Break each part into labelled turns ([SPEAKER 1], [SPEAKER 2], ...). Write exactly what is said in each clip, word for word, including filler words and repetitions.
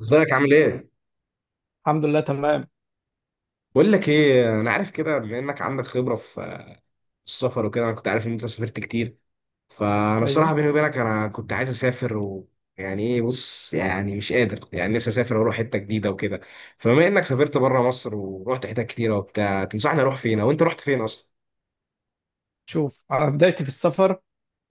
[SPEAKER 1] ازيك عامل ايه؟
[SPEAKER 2] الحمد لله تمام.
[SPEAKER 1] بقول لك ايه، انا عارف كده. بما انك عندك خبره في السفر وكده، انا كنت عارف ان انت سافرت كتير. فانا الصراحه
[SPEAKER 2] ايوه
[SPEAKER 1] بيني وبينك انا كنت عايز اسافر. ويعني ايه، بص، يعني مش قادر، يعني نفسي اسافر واروح حته جديده وكده. فبما انك سافرت بره مصر ورحت حتت كتيره وبتاع، تنصحني اروح فين؟ او انت رحت فين اصلا؟
[SPEAKER 2] شوف، انا بدايتي في السفر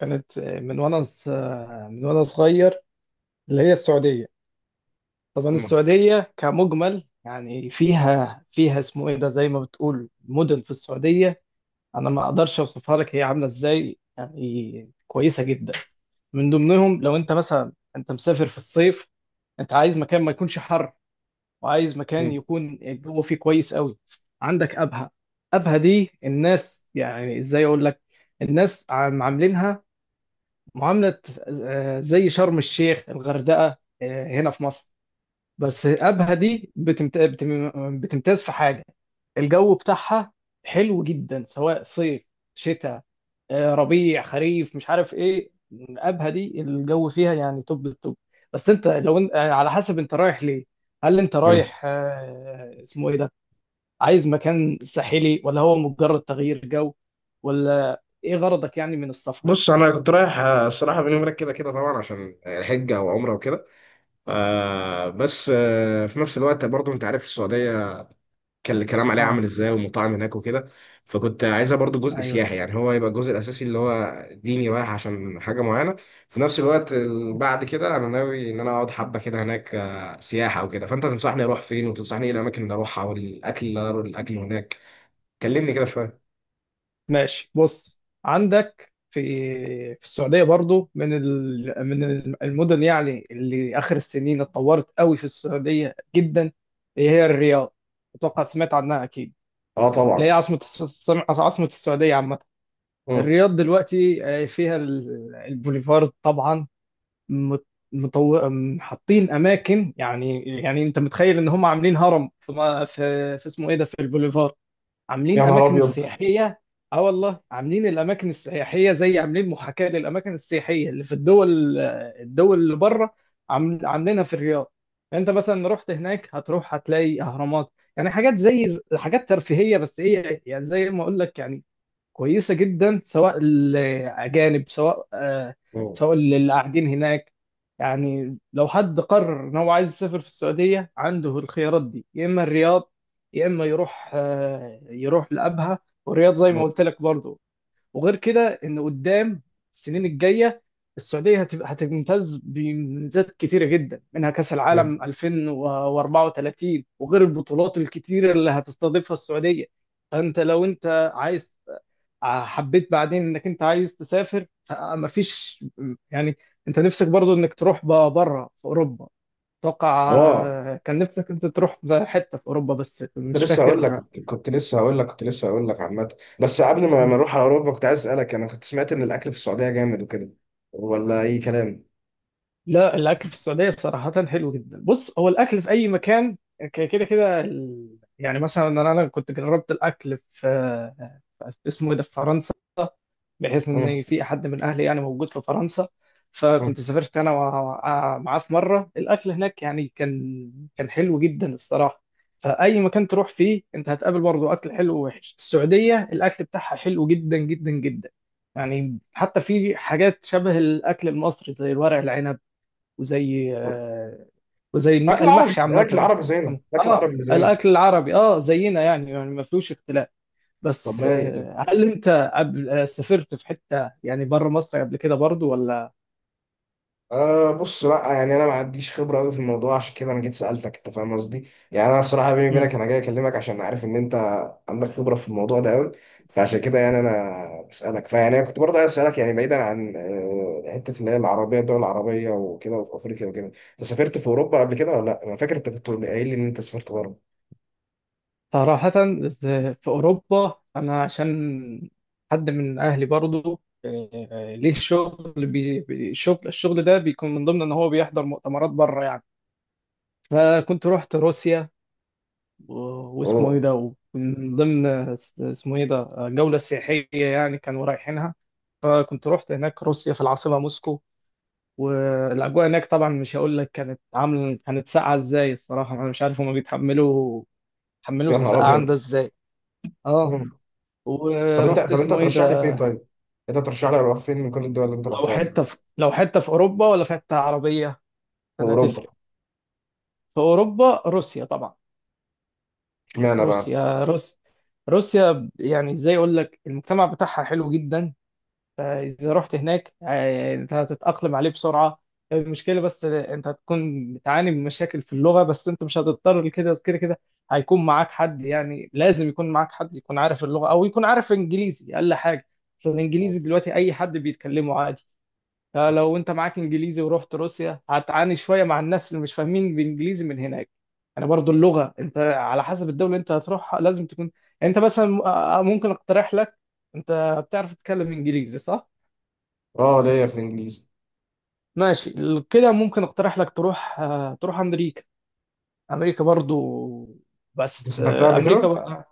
[SPEAKER 2] كانت من وانا ص- من وانا صغير، اللي هي السعوديه. طبعا
[SPEAKER 1] مم.
[SPEAKER 2] السعوديه كمجمل، يعني فيها فيها اسمه ايه ده زي ما بتقول مدن في السعوديه. انا ما اقدرش اوصفها لك، هي عامله ازاي، يعني كويسه جدا. من ضمنهم لو انت مثلا انت مسافر في الصيف، انت عايز مكان ما يكونش حر، وعايز مكان
[SPEAKER 1] مم.
[SPEAKER 2] يكون الجو فيه كويس قوي. عندك ابها. ابها دي الناس، يعني ازاي اقول لك، الناس عم- عاملينها معاملة، آه، زي شرم الشيخ الغردقة، آه، هنا في مصر. بس ابها دي بتمت- بتم- بتمتاز في حاجة، الجو بتاعها حلو جدا، سواء صيف، شتاء، آه، ربيع، خريف. مش عارف ايه الابهه دي، الجو فيها يعني توب التوب. بس انت لو انت، آه، على حسب انت رايح ليه، هل انت
[SPEAKER 1] مم.
[SPEAKER 2] رايح، آه، اسمه ايه ده عايز مكان ساحلي ولا هو مجرد تغيير جو، ولا ايه غرضك يعني من السفر؟
[SPEAKER 1] بص انا كنت رايح، آه، الصراحه بيني وبينك كده كده طبعا عشان الحجه وعمره وكده. آه بس آه في نفس الوقت برضو انت عارف السعوديه كان الكلام عليه
[SPEAKER 2] اه.
[SPEAKER 1] عامل ازاي والمطاعم هناك وكده. فكنت عايزها برضو جزء
[SPEAKER 2] ايوه،
[SPEAKER 1] سياحي، يعني هو يبقى الجزء الاساسي اللي هو ديني، رايح عشان حاجه معينه. في نفس الوقت ال- بعد كده انا ناوي ان انا اقعد حبه كده هناك، آه، سياحه وكده. فانت تنصحني اروح فين، وتنصحني ايه الاماكن اللي اروحها، والاكل اللي أنا- الاكل هناك. كلمني كده شويه.
[SPEAKER 2] ماشي بص، عندك في، في السعوديه برضو من ال... من المدن يعني اللي اخر السنين اتطورت قوي في السعوديه جدا، هي الرياض. اتوقع سمعت عنها اكيد.
[SPEAKER 1] اه
[SPEAKER 2] اللي هي
[SPEAKER 1] طبعا.
[SPEAKER 2] عاصمة الس- عاصمة السعودية عامة.
[SPEAKER 1] مم.
[SPEAKER 2] الرياض دلوقتي، آه، فيها ال- البوليفارد طبعا. مت- مطو... م- حاطين أماكن، يعني يعني أنت متخيل إن هم عاملين هرم في, ما- في, في اسمه إيه ده في البوليفارد.
[SPEAKER 1] يا
[SPEAKER 2] عاملين
[SPEAKER 1] نهار
[SPEAKER 2] اماكن
[SPEAKER 1] ابيض.
[SPEAKER 2] السياحيه. اه والله، عاملين الاماكن السياحيه، زي عاملين محاكاه للاماكن السياحيه اللي في الدول، الدول اللي بره، عامل- عاملينها في الرياض. يعني انت مثلا رحت هناك هتروح هتلاقي اهرامات، يعني حاجات زي حاجات ترفيهيه، بس هي يعني زي ما اقول لك يعني كويسة جدا، سواء الأجانب، سواء، آه،
[SPEAKER 1] مم.
[SPEAKER 2] سواء اللي قاعدين هناك. يعني لو حد قرر إن هو عايز يسافر في السعودية، عنده الخيارات دي، يا إما الرياض، يا إما يروح، آه، يروح لأبها، والرياض زي ما
[SPEAKER 1] مم.
[SPEAKER 2] قلت لك برضه. وغير كده ان قدام السنين الجايه السعوديه هتبقى هتمتاز بميزات كتيره جدا، منها كاس العالم
[SPEAKER 1] مم.
[SPEAKER 2] ألفين وأربعة وثلاثين، وغير البطولات الكتيره اللي هتستضيفها السعوديه. فانت لو انت عايز، آه، حبيت بعدين انك انت عايز تسافر، مفيش يعني، انت نفسك برضو انك تروح بره في اوروبا. اتوقع
[SPEAKER 1] اه.
[SPEAKER 2] آه، كان نفسك انت تروح في حته في اوروبا، بس
[SPEAKER 1] كنت
[SPEAKER 2] مش
[SPEAKER 1] لسه هقول لك
[SPEAKER 2] فاكر.
[SPEAKER 1] كنت لسه هقول لك كنت لسه هقول لك عامة. بس قبل ما ما نروح على أوروبا كنت عايز أسألك، أنا كنت سمعت إن الأكل في السعودية جامد وكده، ولا أي كلام؟
[SPEAKER 2] لا، الاكل في السعوديه صراحه حلو جدا. بص هو الاكل في اي مكان ك- كده كده، ال- يعني مثلا انا أنا كنت جربت الاكل في، في، اسمه إيه ده في فرنسا، بحيث
[SPEAKER 1] مم.
[SPEAKER 2] ان في حد من اهلي يعني موجود في فرنسا.
[SPEAKER 1] مم.
[SPEAKER 2] فكنت سافرت انا وع- معاه في مره، الاكل هناك يعني كان كان حلو جدا الصراحه. فاي مكان تروح فيه انت هتقابل برضه اكل حلو ووحش. السعوديه الاكل بتاعها حلو جدا جدا جدا، يعني حتى في حاجات شبه الاكل المصري، زي الورق العنب، وزي، آه، وزي الم-
[SPEAKER 1] أكل عربي،
[SPEAKER 2] المحشي
[SPEAKER 1] أكل
[SPEAKER 2] عامة.
[SPEAKER 1] عربي زين أكل
[SPEAKER 2] اه،
[SPEAKER 1] عربي زين.
[SPEAKER 2] الأكل العربي، اه زينا، يعني يعني ما فيهوش اختلاف. بس،
[SPEAKER 1] والله
[SPEAKER 2] آه، هل أنت قبل، آه، سافرت في حتة يعني بره مصر قبل كده برضو ولا؟
[SPEAKER 1] أه، بص، لا يعني انا ما عنديش خبره قوي في الموضوع، عشان كده انا جيت سالتك. انت فاهم قصدي؟ يعني انا صراحه بيني
[SPEAKER 2] مم.
[SPEAKER 1] وبينك انا جاي اكلمك عشان عارف ان انت عندك خبره في الموضوع ده قوي. فعشان كده يعني انا بسالك. فيعني أنا كنت برضه عايز اسالك، يعني بعيدا عن آه، حته اللي هي العربيه، الدول العربيه وكده، وفي افريقيا وكده، انت سافرت في اوروبا قبل كده ولا لا؟ انا فاكر انت كنت قايل لي ان انت سافرت بره.
[SPEAKER 2] صراحة، في أوروبا، أنا عشان حد من أهلي برضو، آه، آه، ليه شغل بي... بي- الشغل الشغل ده بيكون من ضمن إن هو بيحضر مؤتمرات بره يعني. فكنت رحت روسيا، و-
[SPEAKER 1] اوه.
[SPEAKER 2] واسمه ايه ده ومن ضمن، اس- اسمه ايه ده جولة سياحية يعني كانوا رايحينها. فكنت رحت هناك روسيا في العاصمة موسكو. والأجواء هناك طبعا مش هقول لك، كانت عامل، كانت ساقعة ازاي، الصراحة أنا مش عارف هما بيتحملوا بيتحملوا
[SPEAKER 1] يا نهار ابيض.
[SPEAKER 2] السقعان ده ازاي. اه،
[SPEAKER 1] مم. طب انت،
[SPEAKER 2] ورحت،
[SPEAKER 1] طب انت
[SPEAKER 2] اسمه ايه
[SPEAKER 1] ترشح لي
[SPEAKER 2] ده
[SPEAKER 1] فين؟ طيب انت ترشح لي اروح فين من كل الدول اللي انت
[SPEAKER 2] لو
[SPEAKER 1] رحتها دي؟ في
[SPEAKER 2] حتة في لو حتة في أوروبا ولا في حتة عربية كان
[SPEAKER 1] اوروبا.
[SPEAKER 2] هتفرق. في أوروبا روسيا طبعا.
[SPEAKER 1] اشمعنى بقى؟
[SPEAKER 2] روسيا، روسيا، روسيا، يعني ازاي اقول لك، المجتمع بتاعها حلو جدا. فإذا رحت هناك، آه، أنت هتتأقلم عليه بسرعة. المشكلة بس أنت هتكون بتعاني من مشاكل في اللغة، بس أنت مش هتضطر لكده. كده كده هيكون معاك حد، يعني لازم يكون معاك حد يكون عارف اللغة أو يكون عارف إنجليزي أقل حاجة. بس الإنجليزي دلوقتي أي حد بيتكلمه عادي. فلو أنت معاك إنجليزي ورحت روسيا هتعاني شوية مع الناس اللي مش فاهمين بالإنجليزي من هناك. يعني برضو اللغة، أنت على حسب الدولة اللي أنت هتروحها لازم تكون، يعني أنت مثلا، آه، ممكن أقترح لك. أنت بتعرف تتكلم إنجليزي، صح؟
[SPEAKER 1] اه، ليا في الانجليزي.
[SPEAKER 2] ماشي، كده ممكن اقترح لك تروح، آه، تروح امريكا. امريكا برضو،
[SPEAKER 1] انت
[SPEAKER 2] بس،
[SPEAKER 1] سافرتها
[SPEAKER 2] آه،
[SPEAKER 1] قبل
[SPEAKER 2] امريكا
[SPEAKER 1] كده؟
[SPEAKER 2] بقى،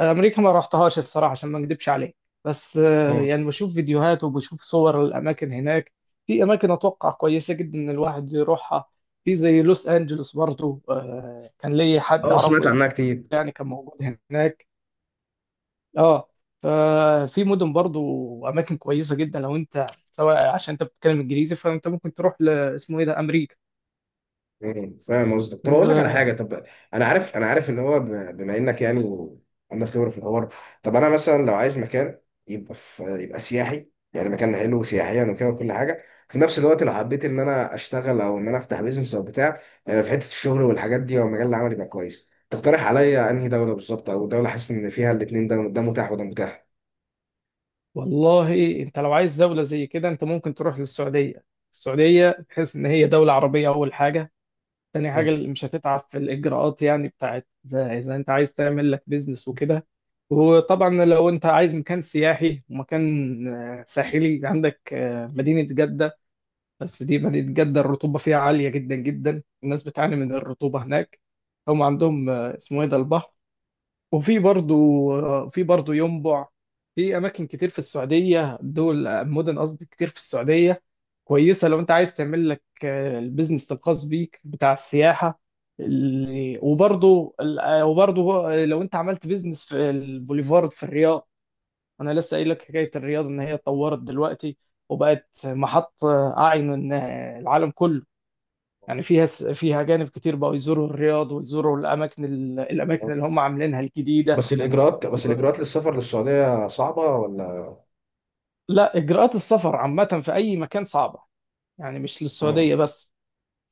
[SPEAKER 2] امريكا ما رحتهاش الصراحه عشان ما اكدبش عليك. بس، آه،
[SPEAKER 1] مم.
[SPEAKER 2] يعني بشوف فيديوهات وبشوف صور الاماكن هناك. في اماكن اتوقع كويسه جدا ان الواحد يروحها، في زي لوس انجلوس برضو. آه، كان لي حد
[SPEAKER 1] اه سمعت
[SPEAKER 2] اعرفه،
[SPEAKER 1] عنها كتير.
[SPEAKER 2] يعني كان موجود هناك. اه، ففي مدن برضو اماكن كويسه جدا لو انت، سواء عشان انت بتتكلم انجليزي، فانت ممكن تروح ل- اسمه ايه ده امريكا.
[SPEAKER 1] مم، فاهم قصدك. طب اقول لك على
[SPEAKER 2] و
[SPEAKER 1] حاجه. طب انا عارف، انا عارف ان هو ب- بما انك يعني عندك خبره في الحوار. طب انا مثلا لو عايز مكان يبقى في يبقى سياحي، يعني مكان حلو سياحيا وكده وكل حاجه، في نفس الوقت لو حبيت ان انا اشتغل او ان انا افتح بيزنس او بتاع، آه، في حته الشغل والحاجات دي او مجال العمل يبقى كويس، تقترح عليا انهي دوله بالظبط؟ او دوله حاسس ان فيها الاثنين ده ده متاح وده متاح.
[SPEAKER 2] والله انت لو عايز دولة زي كده، انت ممكن تروح للسعودية. السعودية بحيث ان هي دولة عربية، اول حاجة. تاني
[SPEAKER 1] مم.
[SPEAKER 2] حاجة، اللي مش هتتعب في الاجراءات يعني بتاعت، اذا إذا انت عايز تعمل لك بيزنس وكده. وطبعا لو انت عايز مكان سياحي ومكان، آه، ساحلي، عندك، آه، مدينة جدة. بس دي مدينة جدة الرطوبة فيها عالية جدا جدا، الناس بتعاني من الرطوبة هناك. هم عندهم، آه، اسمه ايه ده البحر، وفي برضو، في برضو ينبع. في اماكن كتير في السعوديه، دول مدن قصدي كتير في السعوديه كويسه لو انت عايز تعمل لك، آه، البيزنس الخاص بيك بتاع السياحه. ال- وبرضو ال- آه، وبرضو آه، لو انت عملت بيزنس في البوليفارد في الرياض. انا لسه قايل لك حكايه الرياض، ان هي اتطورت دلوقتي وبقت محط، آه، اعين، آه، العالم كله. يعني فيها، فيها اجانب كتير بقوا يزوروا الرياض ويزوروا الاماكن الاماكن اللي هم عاملينها الجديده.
[SPEAKER 1] بس الاجراءات، بس الاجراءات للسفر للسعوديه صعبه ولا؟
[SPEAKER 2] لا، اجراءات السفر عامه في اي مكان صعبه، يعني مش
[SPEAKER 1] مم.
[SPEAKER 2] للسعوديه بس.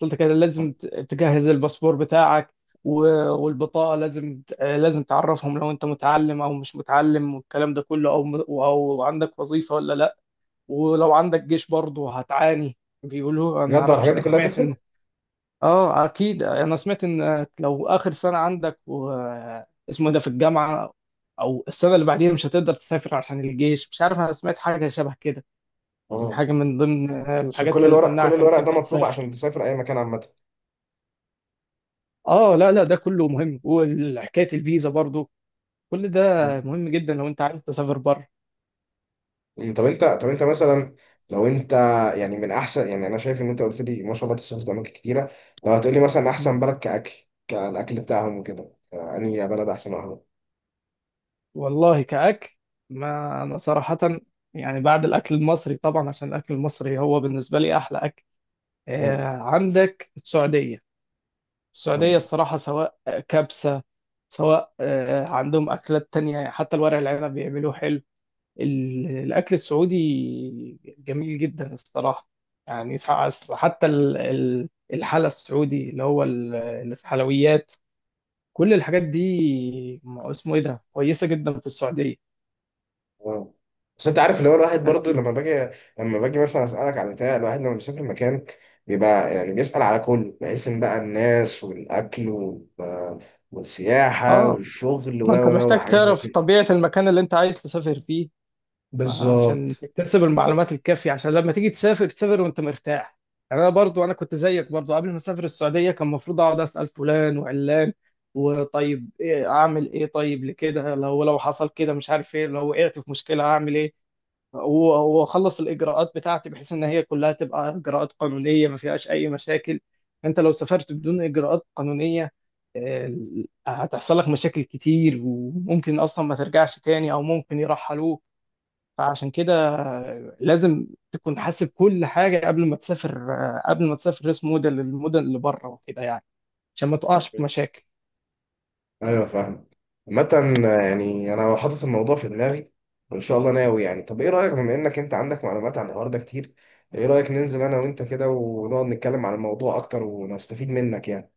[SPEAKER 2] قلت كده لازم ت- تجهز الباسبور بتاعك و- والبطاقه، لازم ت- لازم تعرفهم لو انت متعلم او مش متعلم والكلام ده كله، او م- او عندك وظيفه ولا لا. ولو عندك جيش برضه هتعاني، بيقولوا، انا ما
[SPEAKER 1] بجد هو
[SPEAKER 2] اعرفش،
[SPEAKER 1] الحاجات
[SPEAKER 2] انا
[SPEAKER 1] دي كلها
[SPEAKER 2] سمعت
[SPEAKER 1] تفرق؟
[SPEAKER 2] ان، اه اكيد انا سمعت ان لو اخر سنه عندك و... اسمه ده في الجامعه او السنه اللي بعديها مش هتقدر تسافر عشان الجيش، مش عارف انا سمعت حاجه شبه كده، يعني
[SPEAKER 1] اه.
[SPEAKER 2] حاجه من ضمن
[SPEAKER 1] بس
[SPEAKER 2] الحاجات
[SPEAKER 1] كل
[SPEAKER 2] اللي
[SPEAKER 1] الورق، كل
[SPEAKER 2] تمنعك انك
[SPEAKER 1] الورق ده
[SPEAKER 2] انت
[SPEAKER 1] مطلوب
[SPEAKER 2] تسافر.
[SPEAKER 1] عشان تسافر اي مكان عامه؟
[SPEAKER 2] اه لا لا، ده كله مهم، وحكايه الفيزا برضو كل ده
[SPEAKER 1] أمم،
[SPEAKER 2] مهم جدا لو انت عايز تسافر بره.
[SPEAKER 1] طب انت، طب انت مثلا لو انت يعني، من احسن، يعني انا شايف ان انت قلت لي ما شاء الله تسافر اماكن كتيره. لو هتقول لي مثلا
[SPEAKER 2] م.
[SPEAKER 1] احسن بلد كاكل، كالاكل بتاعهم وكده، آه، انهي بلد احسن واحده؟
[SPEAKER 2] والله كأكل، ما أنا صراحة، يعني بعد الأكل المصري طبعا عشان الأكل المصري هو بالنسبة لي أحلى أكل، آه، عندك السعودية. السعودية
[SPEAKER 1] مم.
[SPEAKER 2] الصراحة سواء كبسة، سواء، آه، عندهم أكلات تانية، حتى الورق العنب بيعملوه حلو. ال- الأكل السعودي جميل جدا الصراحة، يعني سع- حتى ال- ال- الحلا السعودي اللي هو ال- الحلويات، كل الحاجات دي، م- اسمه إيه ده كويسة جدا في السعودية.
[SPEAKER 1] اه بس انت عارف اللي هو الواحد برضو
[SPEAKER 2] أنت-
[SPEAKER 1] لما باجي، لما باجي مثلا اسالك على بتاع، الواحد لما بيسافر مكان بيبقى يعني بيسال على كل بحيث ان بقى الناس والاكل وال- والسياحه
[SPEAKER 2] آه،
[SPEAKER 1] والشغل و
[SPEAKER 2] ما أنت
[SPEAKER 1] و
[SPEAKER 2] محتاج
[SPEAKER 1] وحاجات زي
[SPEAKER 2] تعرف
[SPEAKER 1] كده.
[SPEAKER 2] طبيعة المكان اللي أنت عايز تسافر فيه، عشان
[SPEAKER 1] بالظبط.
[SPEAKER 2] تكتسب المعلومات الكافية، عشان لما تيجي تسافر تسافر وانت مرتاح. يعني انا برضو انا كنت زيك برضو، قبل ما اسافر السعودية كان المفروض اقعد اسأل فلان وعلان، وطيب ايه اعمل ايه، طيب لكده لو لو حصل كده مش عارف ايه، لو وقعت في مشكلة اعمل ايه، و- واخلص الاجراءات بتاعتي بحيث ان هي كلها تبقى اجراءات قانونية ما فيهاش اي مشاكل. انت لو سافرت بدون اجراءات قانونية، آه، هتحصل لك مشاكل كتير، وممكن اصلا ما ترجعش تاني او ممكن يرحلوك. فعشان كده لازم تكون حاسب كل حاجة قبل ما تسافر، قبل ما تسافر ريس موديل للمدن اللي بره وكده يعني، عشان ما تقعش في مشاكل.
[SPEAKER 1] ايوه فاهم. عامة يعني انا حاطط الموضوع في دماغي وان شاء الله ناوي. يعني طب ايه رايك، بما انك انت عندك معلومات عن الحوار ده كتير، ايه رايك ننزل انا وانت كده ونقعد نتكلم عن الموضوع اكتر ونستفيد منك يعني؟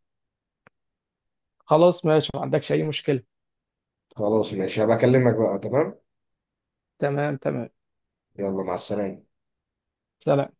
[SPEAKER 2] خلاص ماشي، ما عندكش أي مشكلة.
[SPEAKER 1] خلاص ماشي، هبقى اكلمك بقى. تمام.
[SPEAKER 2] تمام، تمام.
[SPEAKER 1] يلا مع السلامة.
[SPEAKER 2] سلام.